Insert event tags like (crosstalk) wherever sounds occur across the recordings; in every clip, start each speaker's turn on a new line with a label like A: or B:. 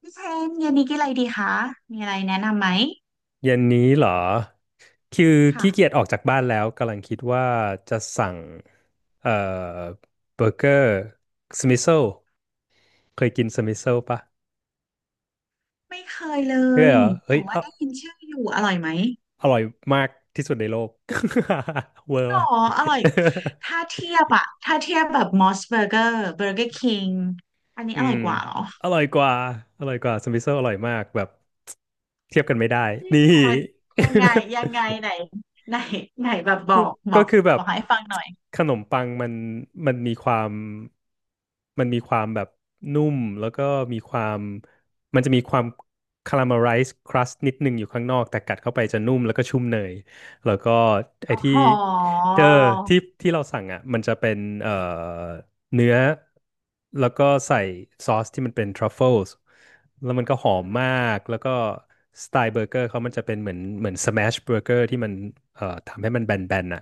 A: พี่เชนเย็นนี้กินอะไรดีคะมีอะไรแนะนำไหม
B: เย็นนี้เหรอ คือ
A: ค่ะ
B: ขี้เกียจออกจากบ้านแล้วกำลังคิดว่าจะสั่งเอ่อเบอร์เกอร์สมิโซ เคยกินสมิโซปะ
A: ไม่เคยเล
B: เฮ้ย
A: ย
B: เหรอเฮ้
A: แต่
B: ยอ
A: ว่าได้ยินชื่ออยู่อร่อยไหม
B: อร่อยมากที่สุดในโลก (laughs) เวอร์
A: อ๋อ
B: ว่ะ
A: อร่อยถ้าเทียบแบบมอสเบอร์เกอร์เบอร์เกอร์คิงอันนี้
B: (laughs) อื
A: อร่อย
B: ม
A: กว่าเหรอ
B: อร่อยกว่าอร่อยกว่าสมิโซอร่อยมากแบบเทียบกันไม่ได้
A: จริง
B: นี่
A: เหรอยังไงยังไง
B: (laughs)
A: ไหนไหนไหนแบบบอ
B: ก็
A: กบอ
B: ก็
A: ก
B: คือแบ
A: บ
B: บ
A: อกให้ฟังหน่อย
B: ขนมปังมันมันมีความมันมีความแบบนุ่มแล้วก็มีความมันจะมีความคาราเมลไรซ์ครัสนิดนึงอยู่ข้างนอกแต่กัดเข้าไปจะนุ่มแล้วก็ชุ่มเนยแล้วก็
A: อ
B: ไอ้ที่
A: ๋อ
B: เออที่เราสั่งอ่ะมันจะเป็นเนื้อแล้วก็ใส่ซอสที่มันเป็นทรัฟเฟิลส์แล้วมันก็หอ
A: อื
B: มมา
A: ม
B: กแล้วก็สไตล์เบอร์เกอร์เขามันจะเป็นเหมือนสแมชเบอร์เกอร์ที่มันทำให้มันแบนๆอ่ะ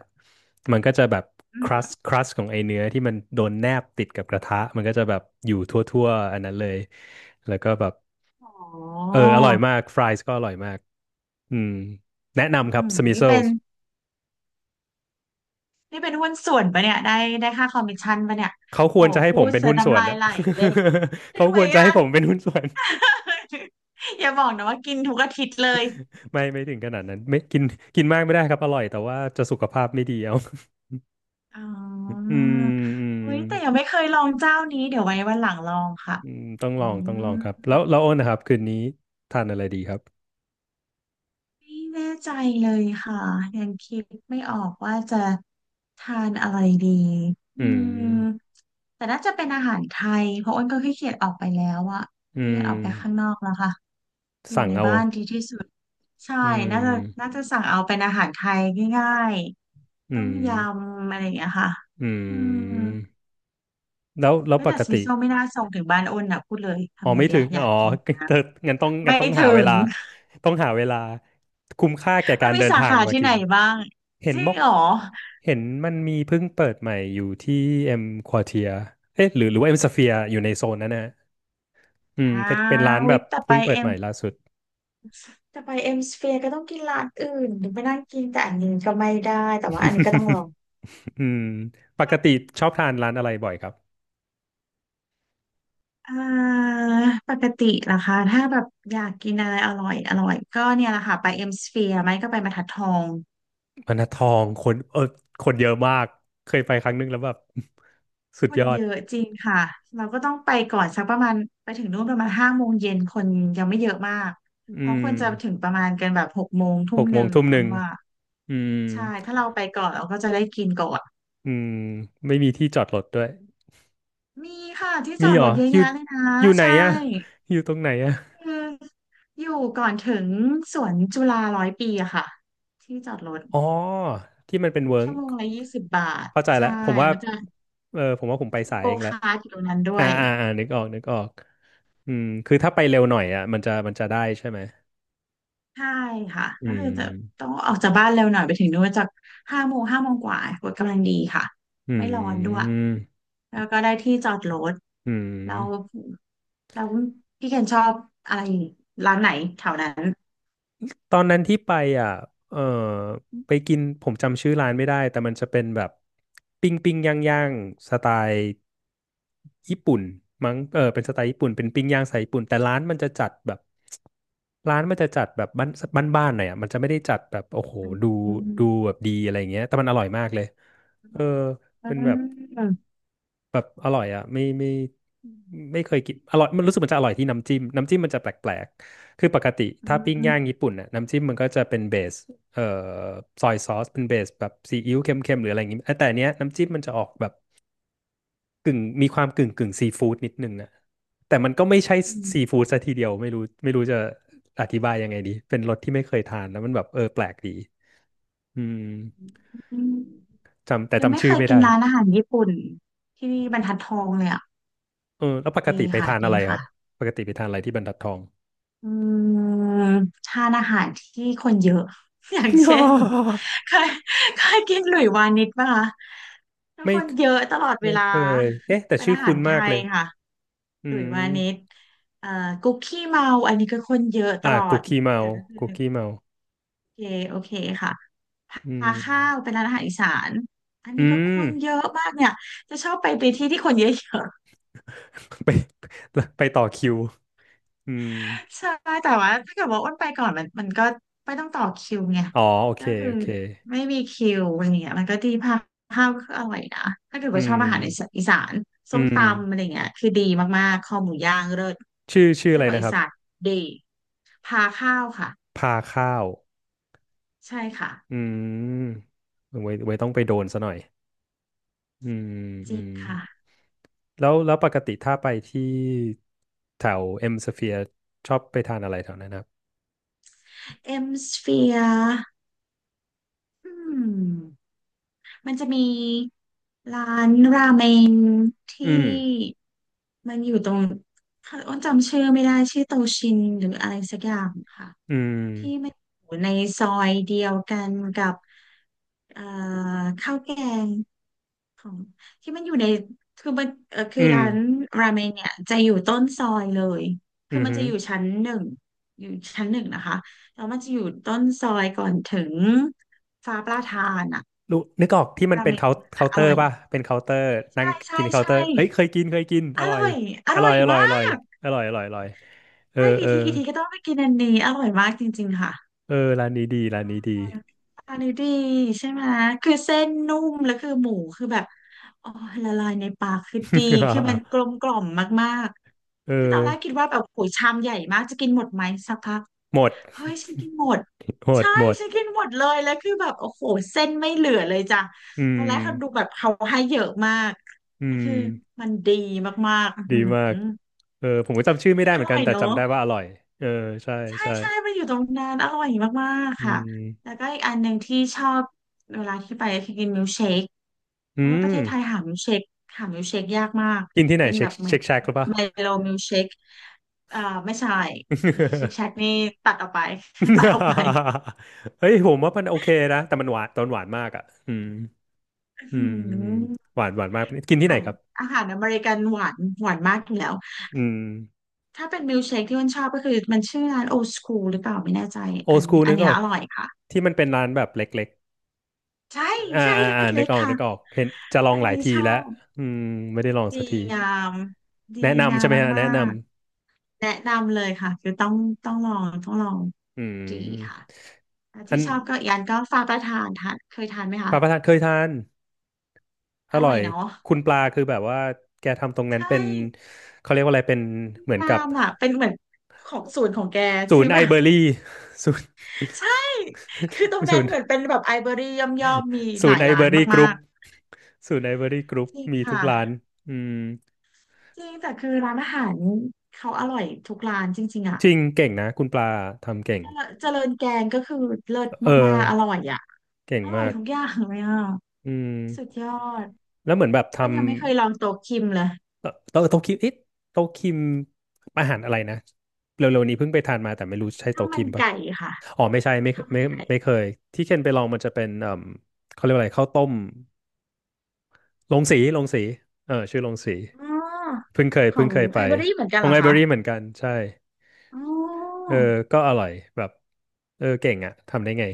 B: มันก็จะแบบ
A: อื
B: ค
A: ม
B: รัสครัสของไอเนื้อที่มันโดนแนบติดกับกระทะมันก็จะแบบอยู่ทั่วๆอันนั้นเลยแล้วก็แบบ
A: อ๋
B: เอ
A: อ
B: ออร่อยมากฟรายส์ก็อร่อยมากอืมแนะ
A: อื
B: นำครับ
A: ม
B: สมิ
A: นี่
B: โซ
A: เป็นนี่เป็นหุ้นส่วนปะเนี่ยได้ค่าคอมมิชชั่นปะเนี่ย
B: เขาค
A: โห
B: วรจะให้
A: พู
B: ผม
A: ด
B: เป็น
A: เสีย
B: หุ้นส่
A: น้ำ
B: วน
A: ลาย
B: นะ
A: ไหลเลย
B: (laughs)
A: ใช่
B: เขา
A: ไห
B: ค
A: ม
B: วรจะ
A: อ่ะ
B: ให้ผมเป็นหุ้นส่วน
A: (laughs) อย่าบอกนะว่ากินทุกอาทิตย์เลย
B: (laughs) ไม่ถึงขนาดนั้นไม่กินกินมากไม่ได้ครับอร่อยแต่ว่าจะสุขภาพไม่ดีเอา
A: อ๋อ
B: (laughs) อืมอื
A: เฮ้ยแต่ยัง
B: ม
A: ไม่เคยลองเจ้านี้เดี๋ยวไว้วันหลังลองค่ะ
B: อืมต้อง
A: อื
B: ลองต้องลองครับ
A: ม
B: แล้วโอ้นนะครับคืนนี้ทานอะไรดีครับ
A: ไม่แน่ใจเลยค่ะยังคิดไม่ออกว่าจะทานอะไรดีอื
B: อืม
A: มแต่น่าจะเป็นอาหารไทยเพราะอ้นก็ขี้เกียจออกไปแล้วอะ
B: อื
A: ขี้เกียจออกไปข้าง
B: ม
A: นอกแล้วค่ะอยู่
B: สั่ง
A: ใน
B: เอา
A: บ้านดีที่สุดใช่
B: อื
A: น่าจะ
B: ม
A: น่าจะสั่งเอาเป็นอาหารไทยง่ายๆ
B: อื
A: ต้
B: ม
A: มยำอะไรอย่างเงี้ยค่ะ
B: อื
A: อืม
B: มแล้ว
A: เฮ้ย
B: ป
A: แต่
B: ก
A: สมิ
B: ติ
A: โซไม่น่าส่งถึงบ้านอ้นอะพูดเลย
B: อ๋อ
A: ทำไง
B: ไม่
A: เดี
B: ถึ
A: ย
B: ง
A: อยา
B: อ๋อ
A: กกิน
B: (laughs) เธองั้นต้องงั้น
A: ไม่
B: ต้องหา
A: ถึ
B: เว
A: ง
B: ลาต้องหาเวลาคุ้มค่าแก่
A: (laughs) มั
B: กา
A: น
B: ร
A: มี
B: เดิน
A: สา
B: ทาง
A: ขา
B: มา
A: ที่
B: กิ
A: ไหน
B: น
A: บ้าง
B: เห็
A: จ
B: น
A: ริ
B: ม
A: ง
B: อก
A: เหรอ
B: เห็นมันมีเพิ่งเปิดใหม่อยู่ที่เอ็มควอเทียเอ๊ะหรือว่าเอ็มสเฟียอยู่ในโซนนั้นนะอืม
A: อ่า
B: เป็นร้านแบ
A: วิ
B: บเพิ่งเปิดใหม่ล่าสุด
A: แต่ไปเอ็มสเฟียร์ก็ต้องกินร้านอื่นถึงไปนั่งกินแต่อันนี้ก็ไม่ได้แต่ว่าอันนี้ก็ต้องลอง
B: (laughs) อืมปกติชอบทานร้านอะไรบ่อยครับ
A: อ่าปกติล่ะคะถ้าแบบอยากกินอะไรอร่อยอร่อยก็เนี่ยแหละค่ะไปเอ็มสเฟียร์ไหมก็ไปบรรทัดทอง
B: พนัททองคนเออคนเยอะมาก เคยไปครั้งนึงแล้วแบบ (laughs) สุ
A: ค
B: ดย
A: น
B: อ
A: เย
B: ด
A: อะจริงค่ะเราก็ต้องไปก่อนสักประมาณไปถึงนู่นประมาณห้าโมงเย็นคนยังไม่เยอะมาก
B: อื
A: เพราะค
B: ม
A: นจะถึงประมาณกันแบบหกโมงทุ่
B: ห
A: ม
B: ก
A: ห
B: โม
A: นึ่
B: ง
A: ง
B: ทุ่มหนึ่ง
A: ว่า
B: อืม
A: ใช่ถ้าเราไปก่อนเราก็จะได้กินก่อน
B: อืมไม่มีที่จอดรถด้วย
A: มีค่ะที่จ
B: มี
A: อด
B: เหร
A: ร
B: อ
A: ถเยอะ
B: อยู่
A: แยะเลยนะ
B: อยู่ไหน
A: ใช่
B: อะอยู่ตรงไหนอะ
A: คืออยู่ก่อนถึงสวนจุฬาร้อยปีอะค่ะที่จอดรถ
B: อ๋อที่มันเป็นเวิร์ก
A: ชั่วโมงละ20 บาท
B: เข้าใจ
A: ใช่
B: แล้วผมว่า
A: มันจะ
B: เออผมว่าผม
A: มัน
B: ไป
A: จะมี
B: สาย
A: โก
B: เองแหละ
A: คาร์ทอยู่ตรงนั้นด้ว
B: อ่า
A: ย
B: อ่าอ่านึกออกอืมคือถ้าไปเร็วหน่อยอ่ะมันจะได้ใช่ไหม
A: ใช่ค่ะ
B: อื
A: ก็คือจะต้
B: ม
A: องออกจากบ้านเร็วหน่อยไปถึงนู่นจากห้าโมงห้าโมงกว่ากดกำลังดีค่ะ
B: อื
A: ไม่ร้อนด้วย
B: ม
A: แล้วก็ได้ที่จอดรถ
B: อื
A: เรา
B: ม
A: เราพี่เคนชอบอะไรร้านไหนแถวนั้น
B: ตอนนั้นที่ไปอ่ะเออไปกินผมจำชื่อร้านไม่ได้แต่มันจะเป็นแบบปิ้งย่างสไตล์ญี่ปุ่นมั้งเออเป็นสไตล์ญี่ปุ่นเป็นปิ้งย่างสไตล์ญี่ปุ่นแต่ร้านมันจะจัดแบบบ้านบ้านๆหน่อยอ่ะมันจะไม่ได้จัดแบบโอ้โหดู
A: อืม
B: ดูแบบดีอะไรอย่างเงี้ยแต่มันอร่อยมากเลยเออ
A: อื
B: เป็นแบ
A: ม
B: บ
A: อืม
B: แบบอร่อยอ่ะไม่เคยกินอร่อยมันรู้สึกมันจะอร่อยที่น้ำจิ้มน้ำจิ้มมันจะแปลกๆคือปกติ
A: อื
B: ถ้าปิ้ง
A: ม
B: ย่างญี่ปุ่นน่ะน้ำจิ้มมันก็จะเป็นเบสเอ่อซอยซอสเป็นเบสแบบซีอิ๊วเค็มๆหรืออะไรอย่างงี้เอ้ยแต่อันเนี้ยน้ำจิ้มมันจะออกแบบกึ่งมีความกึ่งซีฟู้ดนิดนึงอ่ะแต่มันก็ไม่ใช่ซีฟู้ดซะทีเดียวไม่รู้จะอธิบายยังไงดีเป็นรสที่ไม่เคยทานแล้วมันแบบเออแปลกดีอืม
A: อืม
B: จำแต่
A: ยังไม่
B: จำชื่
A: เค
B: อ
A: ย
B: ไม่
A: กิน
B: ได้
A: ร้านอาหารญี่ปุ่นที่บรรทัดทองเลยอ่ะ
B: เออแล้วปก
A: ดี
B: ติไป
A: ค่ะ
B: ทาน
A: ดี
B: อะไรครั
A: ค่ะ
B: บปกติไปทานอะไรที่บรรทัดทอง
A: อืมทานอาหารที่คนเยอะ (laughs) อย่างเช่น
B: (laughs)
A: เคยเคยกินหลุยวานิชป่ะคะแล้ว
B: ไม่
A: คนเยอะตลอดเว
B: ไม่
A: ลา
B: เคยเอ๊ะแต่
A: เป็น
B: ชื่อ
A: อาหา
B: คุ้
A: ร
B: น
A: ไท
B: มากเล
A: ย
B: ย
A: ค่ะ
B: อื
A: หลุยวานิช
B: ม
A: เอ่อกุ๊กขี้เมาอันนี้ก็คนเยอะต
B: อ่า
A: ลอ
B: กุ
A: ด
B: กกี้เมา
A: แต่ก็คือ
B: กุกกี้เมา
A: โอเคโอเคค่ะ
B: อื
A: พาข้าว
B: ม
A: เป็นร้านอาหารอีสาน อัน
B: อื
A: นี้ก็ค
B: ม
A: นเยอะมากเนี่ย จะชอบไปที่ที่คนเยอะ
B: (laughs) ไปไปต่อคิวอืม
A: ๆ (laughs) ใช่แต่ว่าถ้าเกิดว่าอ้นไปก่อนมันก็ไม่ต้องต่อคิวไง
B: อ๋อโอเค
A: ก็คือ
B: โอเค
A: ไม่มีคิวอะไรเงี้ยมันก็ดีพาข้าวก็อร่อยนะถ้าเกิด
B: อื
A: ว่าชอบ
B: ม
A: อาหารอีสาน
B: อื
A: ส้ม
B: ม
A: ตำอะไรเงี้ยคือดีมากๆคอหมูย่างเลิศ
B: ชื่อ
A: ไส้
B: อะไร
A: กรอก
B: นะ
A: อี
B: ครับ
A: สานดีพาข้าวค่ะ
B: พาข้าว
A: ใช่ค่ะ
B: อืมไว้ต้องไปโดนซะหน่อยอืม
A: จ
B: อื
A: ริง
B: ม
A: ค่ะ
B: แล้วปกติถ้าไปที่แถวเอ็มสเฟียชอบไปทานอะไรแถวนั้นนะครับ
A: เอ็มสเฟียร์อืม มันจะมีร้านราเมงที่
B: อืม
A: มันอยู่ตรงอ้นจำชื่อไม่ได้ชื่อโตชินหรืออะไรสักอย่างค่ะ
B: อืม
A: ที่มันอยู่ในซอยเดียวกันกับเอ่อข้าวแกงของที่มันอยู่ในคือมันคื
B: อื
A: อ
B: ม
A: ร้านราเมงเนี่ยจะอยู่ต้นซอยเลย
B: อื
A: คือ
B: อ
A: มัน
B: หื
A: จะ
B: อ
A: อยู่ชั้นหนึ่งอยู่ชั้นหนึ่งนะคะแล้วมันจะอยู่ต้นซอยก่อนถึงฟ้าประทานอะ
B: รู้นึกออกที่มัน
A: รา
B: เป็
A: เม
B: น
A: ง
B: เคา
A: ตร
B: น์
A: งนั้น
B: เคา
A: อะ
B: น์
A: อ
B: เตอ
A: ร่
B: ร์
A: อย
B: ป่ะ เป็นเคาน์เตอร์นั่ง
A: ใช่
B: กินเคาน์เตอ
A: ใช่
B: ร์เอ้ยเคยกิน
A: อ
B: อร่อ
A: ร่
B: ย
A: อยอ
B: อ
A: ร่อ
B: ร่อ
A: ย
B: ยอร่อ
A: มา
B: ยอร่อย
A: ก
B: อร่อยอร่อยอร่อยเออ
A: ได้กี่
B: เออ
A: ทีกี่ทีก็ต้องไปกินอันนี้อร่อยมากจริงๆค่ะ
B: เออร้านนี้ดี
A: อันนี้ดีใช่ไหมคือเส้นนุ่มแล้วคือหมูคือแบบอ๋อละลายในปากคือดีคือมัน
B: (laughs)
A: กลมกล่อมมาก
B: เออ
A: ๆคือตอนแรกคิดว่าแบบโอ้ยชามใหญ่มากจะกินหมดไหมสักพัก
B: หมด
A: เฮ้ยฉันกินหมด
B: (laughs) หมด
A: ใช่
B: หมด
A: ฉันกินหมดเลยแล้วคือแบบโอ้โหเส้นไม่เหลือเลยจ้ะ
B: อื
A: ตอ
B: ม
A: นแรกเขาดูแบบเขาให้เยอะมาก
B: อื
A: ก็
B: ม
A: คือมันดีมากๆอือ
B: ดี
A: ห
B: มาก
A: ือ
B: เออผมก็จำชื่อไม่
A: นี่
B: ได้
A: อ
B: เหมือน
A: ร่
B: กั
A: อ
B: น
A: ย
B: แต่
A: เนอะ
B: จำได้ว่าอร่อยเออใช่
A: ใช่
B: ใช่
A: ใช่ไปอยู่ตรงนั้นอร่อยมากๆ
B: อื
A: ค่ะ แล้ว
B: ม
A: ก็อีกอันหนึ่งที่ชอบเวลาที่ไปคือกินมิลค์เชคเพ
B: อื
A: ราะว่าประ
B: ม
A: เทศไทยหามิลค์เชคหามิลค์เชคยากมาก
B: กินที่ไหน
A: เป็น
B: เช็
A: แบ
B: ค
A: บเหมือน
B: เช็คแชกหรือเปล่า
A: ไมโลมิลค์เชคอ่าไม่ใช่ชิคแชก
B: (laughs)
A: นี่ตัดออกไป (laughs) ตัดออกไป
B: (laughs) เฮ้ยผมว่ามันโอเคนะแต่มันหวานตอนหวานมากอ่ะอืมอื
A: อื
B: ม
A: ม
B: หวานหวานมากกินที่
A: อา
B: ไหน
A: หาร
B: ครับ
A: อาหารอเมริกันหวานหวานมากอยู่แล้ว
B: อืม
A: ถ้าเป็นมิลค์เชคที่มันชอบก็คือมันชื่อร้านโอ s สคูลหรือเปล่าไม่แน่ใจ
B: โอ
A: อัน
B: สกู
A: อั
B: นึ
A: น
B: ก
A: เนี้
B: อ
A: ย
B: อก
A: อร่อยค่ะ
B: ที่มันเป็นร้านแบบเล็ก
A: ใช่
B: ๆ
A: ใช่เ
B: นึ
A: ล็
B: ก
A: ก
B: ออ
A: ๆ
B: ก
A: ค่ะ
B: นึกออกเห็นจะลอ
A: อั
B: ง
A: น
B: หลาย
A: นี้
B: ที
A: ชอ
B: แล้ว
A: บ
B: อืมไม่ได้ลอง
A: ดี
B: สักที
A: งามดี
B: แนะ
A: งา
B: นำใช่
A: ม
B: ไหมฮะ
A: มา
B: แนะน
A: กๆแนะนำเลยค่ะคือต้องลองต้องลอง
B: ำอื
A: ดี
B: ม
A: ค่ะอ่ะ
B: อั
A: ที่
B: น
A: ชอบก็อีกอันก็ฟ้าประทานทานเคยทานไหม
B: ป
A: คะ
B: ลาประทานเคยทานอ
A: อร่
B: ร่
A: อ
B: อ
A: ย
B: ย
A: เนาะ
B: คุณปลาคือแบบว่าแกทำตรงนั้น
A: ใช่
B: เป็นเขาเรียกว่าอะไรเป็นเหมือน
A: งา
B: กับ
A: มอ่ะเป็นเหมือนของสูตรของแก
B: ศู
A: ใื
B: น
A: อ
B: ย์ไอ
A: แบบ
B: เบอรี่ศูนย์
A: (laughs) ใช่คือตรง
B: (laughs) ศู
A: นั้น
B: นย์
A: เหมือนเป็นแบบไอเบอรี่ย่อมมี
B: ศู
A: หลา
B: น
A: ย
B: ย์ไอ
A: ร้า
B: เบอ
A: น
B: รี่กรุ๊
A: มา
B: ป
A: ก
B: ศูนย์ไอเบอรี่กรุ๊ป
A: ๆจริง
B: มีทุก
A: ค่ะ
B: ร้านอืม
A: จริงแต่คือร้านอาหารเขาอร่อยทุกร้านจริงๆอ่ะ
B: จริงเก่งนะคุณปลาทำเก่ง
A: เจริญแกงก็คือเลิศ
B: เออ
A: มากๆอร่อยอ่ะ
B: เก่ง
A: อร่อย
B: มาก
A: ทุกอย่างเลยอ่ะ
B: อื
A: สุด
B: ม
A: ยอด
B: แล้วเหมือนแบบ
A: อ้น
B: ทำ
A: ยังไม่เคยลองโต๊ะคิมเลย
B: โต๊ะคิมเอ๊ะโต๊ะคิมอาหารอะไรนะเร็วๆนี้เพิ่งไปทานมาแต่ไม่รู้ใช่
A: ข้าว
B: โต๊ะ
A: มั
B: คิ
A: น
B: มปะ
A: ไก่ค่ะ
B: อ๋อไม่ใช่ไม่
A: ข้าวมั
B: ไม่
A: นไก่
B: ไม่เคยที่เคนไปลองมันจะเป็นเขาเรียกว่าอะไรข้าวต้มลงสีลงสีเออชื่อลงสี
A: อ๋อ
B: เพิ่งเคย
A: ข
B: เพิ่
A: อ
B: ง
A: ง
B: เคยไป
A: ไอเบอรี่เหมือนกั
B: ข
A: น
B: อง
A: เหรอ
B: ไลบรา
A: คะ
B: รีเหมือนกันใช่
A: อ๋อ
B: เออก็อร่อยแบบเออเก่งอะทำได้ไง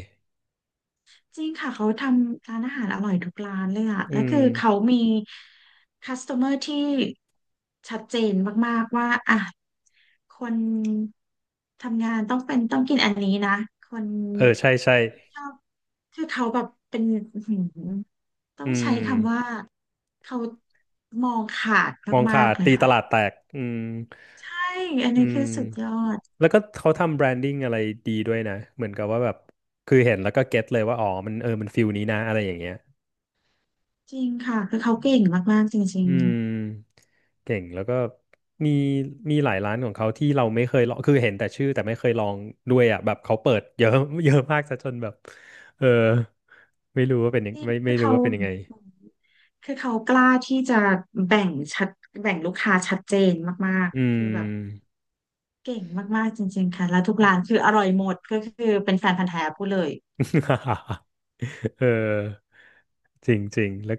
A: จริงค่ะเขาทำร้านอาหารอร่อยทุกร้านเลยอะ
B: อื
A: แล้วคื
B: ม
A: อเขามี customer ที่ชัดเจนมากๆว่าอ่ะคนทำงานต้องเป็นต้องกินอันนี้นะคน
B: เออใช่ใช่
A: ชอบคือเขาแบบเป็นอื้อหือต้อ
B: อื
A: งใช้
B: ม
A: คำว่าเขามองขาด
B: มอง
A: มา
B: ขา
A: ก
B: ด
A: ๆเลย
B: ตีต
A: ค่ะ
B: ลาดแตกอืม
A: ใช่อัน
B: อื
A: นี้คื
B: ม
A: อสุดยอด
B: แล้วก็เขาทำแบรนดิ้งอะไรดีด้วยนะเหมือนกับว่าแบบคือเห็นแล้วก็เก็ตเลยว่าอ๋อมันเออมันฟิลนี้นะอะไรอย่างเงี้ย
A: จริงค่ะคือเขาเก่งมากๆจริ
B: อื
A: ง
B: มเก่งแล้วก็มีมีหลายร้านของเขาที่เราไม่เคยลองคือเห็นแต่ชื่อแต่ไม่เคยลองด้วยอ่ะแบบเขาเปิดเยอะเยอะมากซะจนแบบเออไม่รู้ว่าเป็นยั
A: จ
B: ง
A: ริง
B: ไม่
A: คื
B: ไม่
A: อ
B: รู้
A: เขา
B: ว่าเป็นยังไง
A: คือเขากล้าที่จะแบ่งชัดแบ่งลูกค้าชัดเจนมาก
B: อืม
A: ๆคือแบบเก่งมากๆจริงๆค่ะแล้วทุกร้านคืออร่อยหมดก็คือเป็นแฟนพันธุ์แท้พูดเลย
B: (laughs) เออจริงจริงแล้ว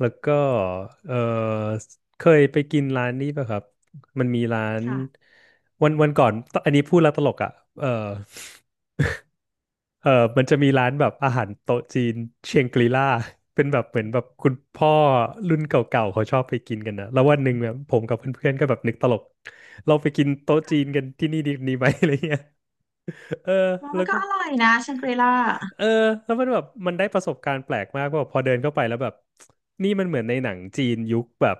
B: แล้วก็เออเคยไปกินร้านนี้ป่ะครับมันมีร้าน
A: ค่ะ
B: วันก่อนอันนี้พูดแล้วตลกอ่ะเออ เออมันจะมีร้านแบบอาหารโต๊ะจีนเชียงกรีล่า (laughs) เป็นแบบเหมือนแบบคุณพ่อรุ่นเก่าๆเขาชอบไปกินกันนะแล้ววันหนึ่งเนี่ยผมกับเพื่อนๆก็แบบนึกตลกเราไปกินโต๊ะจีนกันที่นี่ดีไหม (laughs) อะไรเงี้ยเออ
A: ว่า
B: แล้
A: มัน
B: ว
A: ก็
B: ก็
A: อร่อยนะแชงกรีล่า
B: เออแล้วมันแบบมันได้ประสบการณ์แปลกมากว่าแบบพอเดินเข้าไปแล้วแบบนี่มันเหมือนในหนังจีนยุคแบบ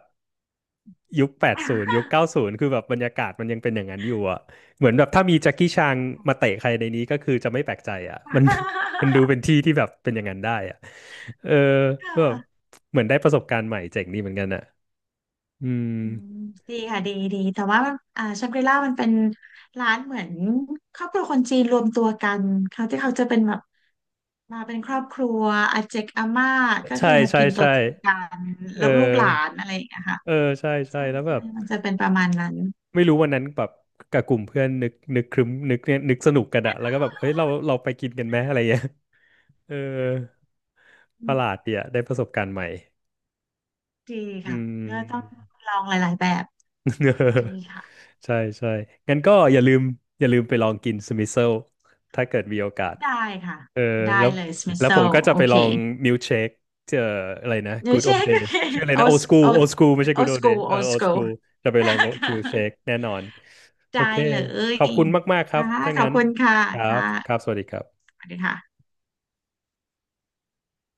B: ยุคแปดศูนย์ยุคเก้าศูนย์คือแบบบรรยากาศมันยังเป็นอย่างนั้นอยู่อ่ะเหมือนแบบถ้ามีแจ็คกี้ชางมาเตะใครในนี้ก็คือจะไม่แปลกใจอ่ะมัน (laughs) มันดูเป็นที่ที่แบบเป็นอย่างนั้นได้อ่ะเออ
A: ค
B: แบบ
A: ่ะ
B: เหมือนได้ประสบการณ์ใหม่เจ๋งดีเหมือนกันอ่ะอืม
A: อืมดีค่ะดีดีแต่ว่าอ่าชังกรีล่ามันเป็นร้านเหมือนครอบครัวคนจีนรวมตัวกันเขาที่เขาจะเป็นแบบ มาเป็นครอบครัวอาเจกอาม่าก็
B: ใช่
A: คือมา
B: ใช่
A: กินโต๊ะ
B: ใช่
A: จีนกัน
B: เอ
A: แล้วลูกหลา
B: อ
A: นอะไรอย่างเงี้ยค่ะ
B: เออใช่ใช่
A: ใช่
B: แล้วแบ
A: ใช่
B: บ
A: มันจะเป็นประมาณนั้น
B: ไม่รู้วันนั้นแบบกับกลุ่มเพื่อนนึกครึ้มนึกเนี่ยนึกสนุกกันอะแล้วก็แบบเฮ้ยเราไปกินกันไหมอะไรเงี้ยเออ
A: อื
B: ประหลาด
A: ม
B: ดีอะได้ประสบการณ์ใหม่
A: ดี
B: อื
A: ค่ะก็ต้อง
B: ม
A: ลองหลายๆแบบดี
B: (laughs)
A: ค่ะ
B: ใช่ใช่งั้นก็อย่าลืมไปลองกินสมิโซ e ถ้าเกิดมีโอกาส
A: ได้ค่ะ
B: เออ
A: ได้
B: แล้ว
A: เลยสมิ s
B: แล้ว
A: โซ
B: ผมก็จะ
A: โอ
B: ไปล
A: เค
B: องมิลเชคเอ่ออะไรนะ
A: เดี๋ยว
B: Good
A: เช็
B: Old
A: คโอ
B: Days
A: เค
B: ชื่ออะไร
A: โอ
B: นะ
A: ส
B: Old School
A: โอ
B: Old School ไม่ใช่
A: โอ
B: Good
A: ส
B: Old
A: กู
B: Days เอ
A: โอ
B: อ
A: ส
B: Old
A: กู
B: School จะไปลองชิ
A: ค่ะ
B: ลเช
A: (laughs)
B: คแน่นอนโอ
A: ได้
B: เค
A: เล
B: ขอบ
A: ย
B: คุณมากๆครับ
A: ค่ะ
B: ถ้า
A: ขอบ
B: งั้น
A: คุณค่ะ
B: ครับ
A: ค่ะ
B: ครับสวัสดีครับ
A: สวัสดีค่ะ